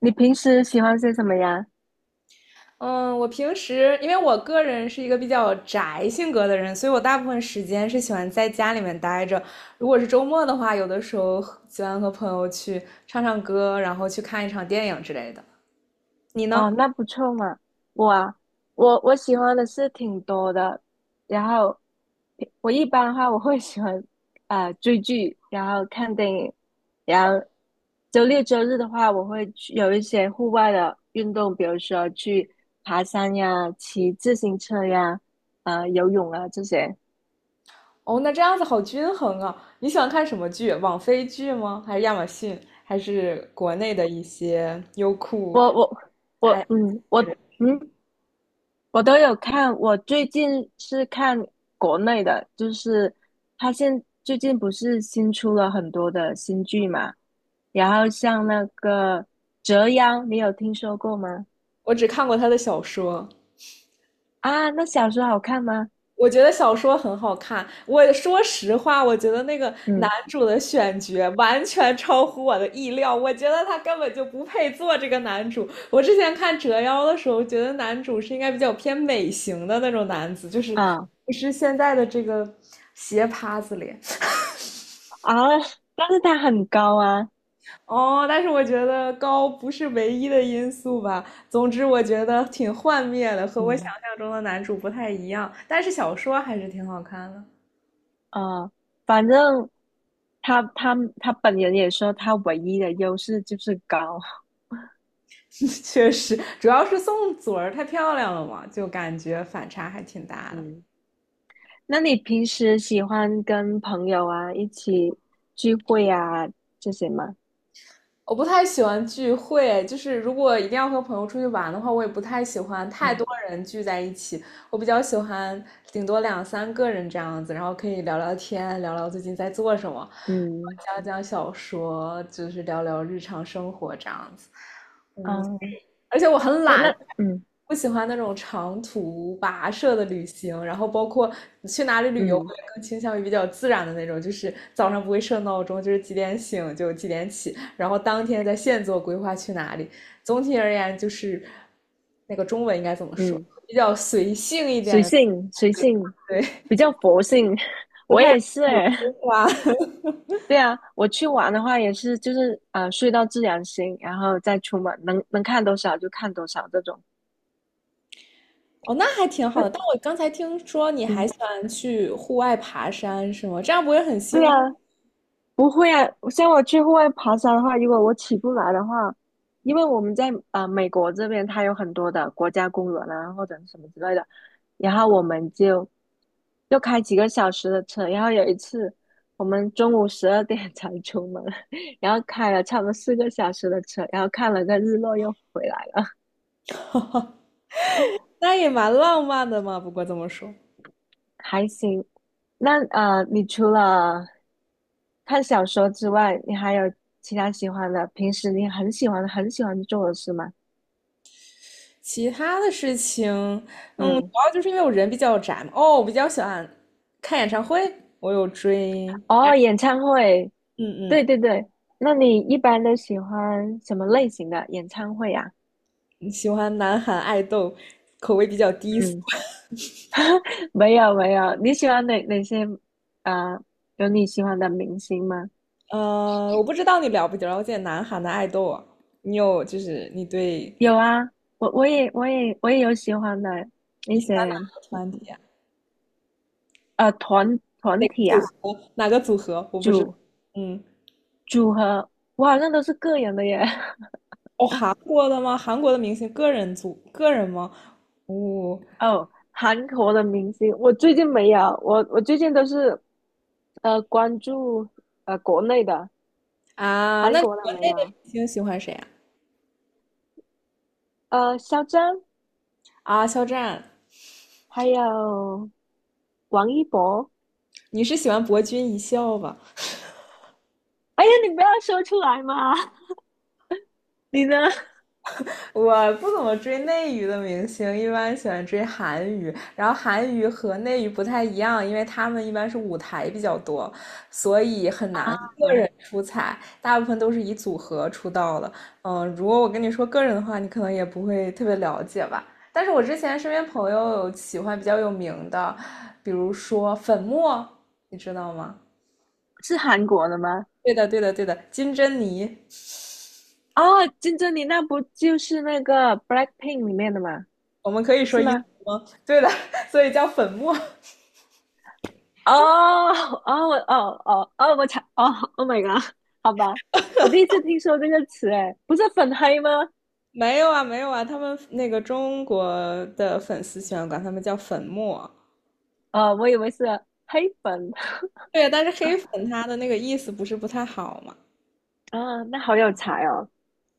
你平时喜欢些什么呀？嗯，我平时因为我个人是一个比较宅性格的人，所以我大部分时间是喜欢在家里面待着。如果是周末的话，有的时候喜欢和朋友去唱唱歌，然后去看一场电影之类的。你哦，呢？那不错嘛。我啊，我喜欢的是挺多的，然后我一般的话我会喜欢追剧，然后看电影，然后周六周日的话我会去有一些户外的运动，比如说去爬山呀、骑自行车呀、游泳啊这些。哦，那这样子好均衡啊！你喜欢看什么剧？网飞剧吗？还是亚马逊？还是国内的一些优酷？我我我嗯我嗯。我都有看，我最近是看国内的，就是他现最近不是新出了很多的新剧嘛，然后像那个《折腰》，你有听说过吗？我只看过他的小说。啊，那小说好看吗？我觉得小说很好看。我说实话，我觉得那个男嗯主的选角完全超乎我的意料。我觉得他根本就不配做这个男主。我之前看《折腰》的时候，觉得男主是应该比较偏美型的那种男子，就是啊不是现在的这个斜趴子脸啊，但是他很高啊。哦。但是我觉得高不是唯一的因素吧。总之，我觉得挺幻灭的，和我想嗯象中的男主不太一样。但是小说还是挺好看的。啊，反正他本人也说他唯一的优势就是高。确实，主要是宋祖儿太漂亮了嘛，就感觉反差还挺大的。嗯。那你平时喜欢跟朋友啊一起聚会啊这些吗？我不太喜欢聚会，就是如果一定要和朋友出去玩的话，我也不太喜欢太嗯，多人聚在一起。我比较喜欢顶多两三个人这样子，然后可以聊聊天，聊聊最近在做什么，嗯，讲讲小说，就是聊聊日常生活这样子。嗯，哦，而且我很那懒，那嗯不喜欢那种长途跋涉的旅行，然后包括你去哪里旅游，嗯我也更倾向于比较自然的那种，就是早上不会设闹钟，就是几点醒就几点起，然后当天在现做规划去哪里。总体而言，就是那个中文应该怎么说，嗯，比较随性一点随的，性随性，对，比较佛性。不我太也是诶。花。对啊，我去玩的话也是，就是睡到自然醒，然后再出门，能看多少就看多少这种。哦，那还挺好嗯的。但我刚才听说你还嗯，喜欢去户外爬山，是吗？这样不会很对辛啊，苦？不会啊，像我去户外爬山的话，如果我起不来的话，因为我们在美国这边，它有很多的国家公园啊，或者是什么之类的，然后我们就开几个小时的车，然后有一次我们中午12点 才出门，然后开了差不多4个小时的车，然后看了个日落又回来了。那也蛮浪漫的嘛。不过这么说。还行。那你除了看小说之外，你还有其他喜欢的，平时你很喜欢很喜欢做的事吗？其他的事情，嗯，主嗯。要就是因为我人比较宅嘛。哦，我比较喜欢看演唱会，我有追，哦，演唱会。嗯对对对，那你一般都喜欢什么类型的演唱会啊？嗯，喜欢南韩爱豆，口味比较低俗。嗯，没有没有，你喜欢哪些？呃，有你喜欢的明星吗？我不知道你了不了解南韩的爱豆啊？你有就是你对有啊，我也有喜欢的一你喜些，欢哪个团体啊？呃团团哪个体组啊，合？哪个组合？我不知道。组嗯，组合，我好像都是个人的耶。哦，韩国的吗？韩国的明星个人组个人吗？哦 哦，韩国的明星，我最近没有，我最近都是关注国内的，啊，韩那国的国没内的有，明星喜欢谁啊？肖战，啊，肖战。还有王一博。你是喜欢博君一笑吧？哎呀，你不要说出来嘛！你呢？我不怎么追内娱的明星，一般喜欢追韩娱。然后韩娱和内娱不太一样，因为他们一般是舞台比较多，所以很难 个嗯，人出彩，大部分都是以组合出道的。嗯，如果我跟你说个人的话，你可能也不会特别了解吧。但是我之前身边朋友有喜欢比较有名的，比如说粉墨，你知道吗？是韩国的吗？对的，对的，对的，金珍妮。哦，金珍妮那不就是那个《Blackpink》里面的吗？我们可以说是英文吗？吗？对的，所以叫粉末。哦哦我哦哦哦，我才哦，Oh my god，好吧，我第一次听说这个词，哎，不是粉黑吗？没有啊，没有啊，他们那个中国的粉丝喜欢管他们叫粉末。哦，我以为是黑粉。 对，但是黑粉他的那个意思不是不太好嘛？啊，那好有才哦。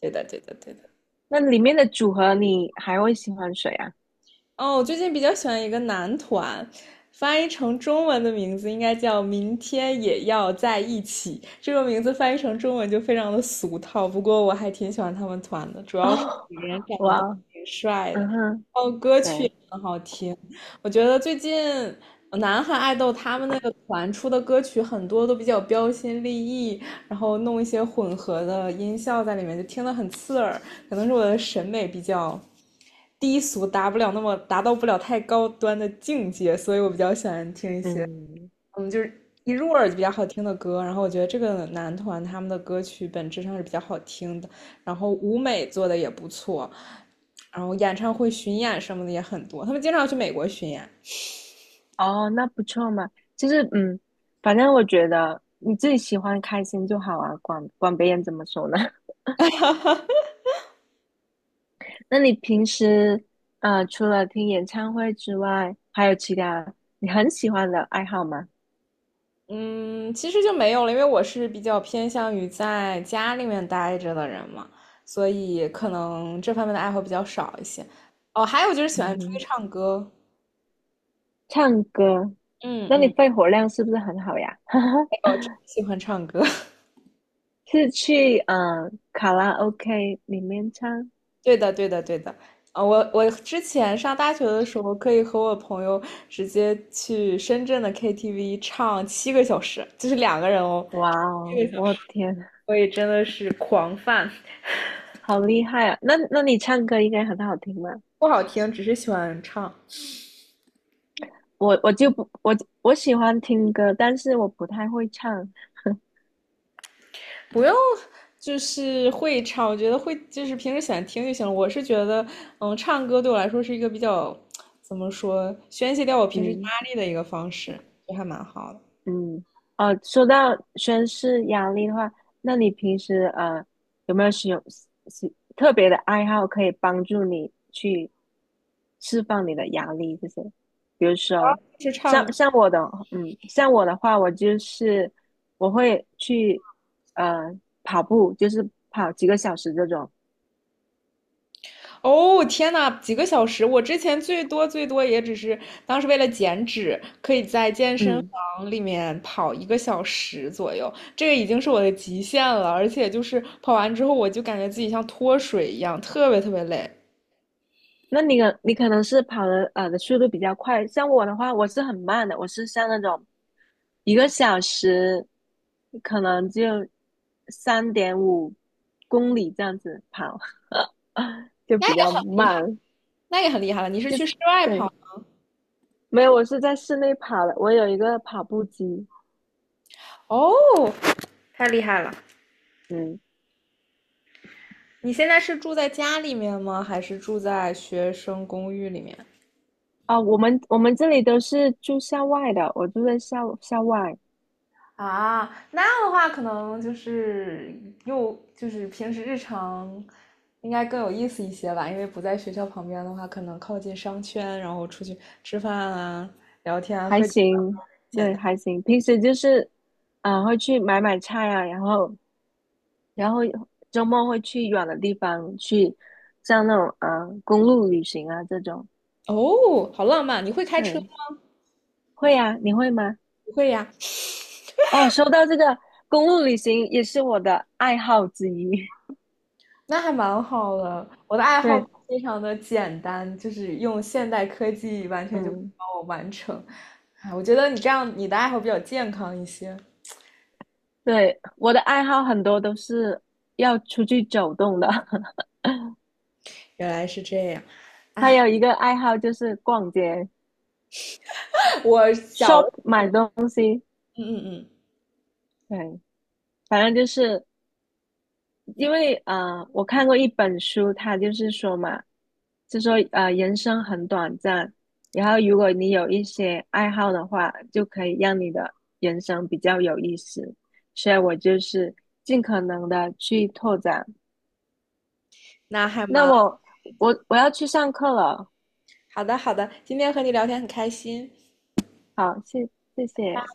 对的，对的，对的。那里面的组合你还会喜欢谁啊？哦，我最近比较喜欢一个男团，翻译成中文的名字应该叫"明天也要在一起"。这个名字翻译成中文就非常的俗套，不过我还挺喜欢他们团的，主要是哦，每个人长得都哇，挺帅的，嗯哼，哦，歌曲对，也很好听。我觉得最近南韩爱豆他们那个团出的歌曲很多都比较标新立异，然后弄一些混合的音效在里面，就听得很刺耳。可能是我的审美比较低俗，达到不了太高端的境界，所以我比较喜欢听一些，嗯，嗯，就是一入耳就比较好听的歌。然后我觉得这个男团他们的歌曲本质上是比较好听的，然后舞美做的也不错，然后演唱会巡演什么的也很多，他们经常去美国巡演。哦，那不错嘛。就是，嗯，反正我觉得你自己喜欢开心就好啊，管管别人怎么说呢？那你平时，除了听演唱会之外，还有其他你很喜欢的爱好吗？嗯，其实就没有了，因为我是比较偏向于在家里面待着的人嘛，所以可能这方面的爱好比较少一些。哦，还有就是喜欢出去嗯，唱歌，唱歌，嗯那你嗯，肺活量是不是很好呀？我真的喜欢唱歌。是去卡拉 OK 里面唱？对的，对的，对的。啊，我之前上大学的时候，可以和我朋友直接去深圳的 KTV 唱七个小时，就是2个人哦，哇哦，七个小我时，天，所以真的是狂 f 好厉害啊！那你唱歌应该很好听吧？不好听，只是喜欢唱。我我就不我我喜欢听歌，但是我不太会唱。不用，就是会唱，我觉得会就是平时喜欢听就行了。我是觉得，嗯，唱歌对我来说是一个比较怎么说，宣泄掉我平时压嗯力的一个方式，就还蛮好的。嗯，哦，说到宣誓压力的话，那你平时有没有使用是特别的爱好可以帮助你去释放你的压力这些？比如说，是唱像歌，像我的像我的话，我就是我会去呃跑步，就是跑几个小时这种。哦，天呐，几个小时！我之前最多最多也只是当时为了减脂，可以在健身嗯。房里面跑1个小时左右，这个已经是我的极限了。而且就是跑完之后，我就感觉自己像脱水一样，特别特别累。那你可能是跑的速度比较快，像我的话，我是很慢的，我是像那种1个小时可能就3.5公里这样子跑。就比较厉害，慢，那也很厉害了。你是就去是室外对，跑？没有，我是在室内跑的，我有一个跑步机。哦，太厉害了！嗯，你现在是住在家里面吗？还是住在学生公寓里面？啊，我们这里都是住校外的，我住在校外。啊，那样的话可能就是又就是平时日常应该更有意思一些吧，因为不在学校旁边的话，可能靠近商圈，然后出去吃饭啊、聊天啊、还喝酒啊行，简对，单。还行，平时就是会去买买菜啊，然后。然后周末会去远的地方，去像那种公路旅行啊这种。哦，好浪漫！你会开车吗？对，会啊，你会吗？不会呀。哦，说到这个公路旅行也是我的爱好之一。那还蛮好的。我的爱 好对，非常的简单，就是用现代科技完全就可以嗯，帮我完成。哎，我觉得你这样，你的爱好比较健康一些。对，我的爱好很多都是要出去走动的。原来是这样，还有一个爱好就是逛街、我小，shop 嗯买东西。嗯嗯，对，反正就是因为我看过一本书，它就是说嘛，就说人生很短暂，然后如果你有一些爱好的话，就可以让你的人生比较有意思。所以我就是尽可能的去拓展。那还那蛮我要去上课了。好的，好的。今天和你聊天很开心。好，谢谢。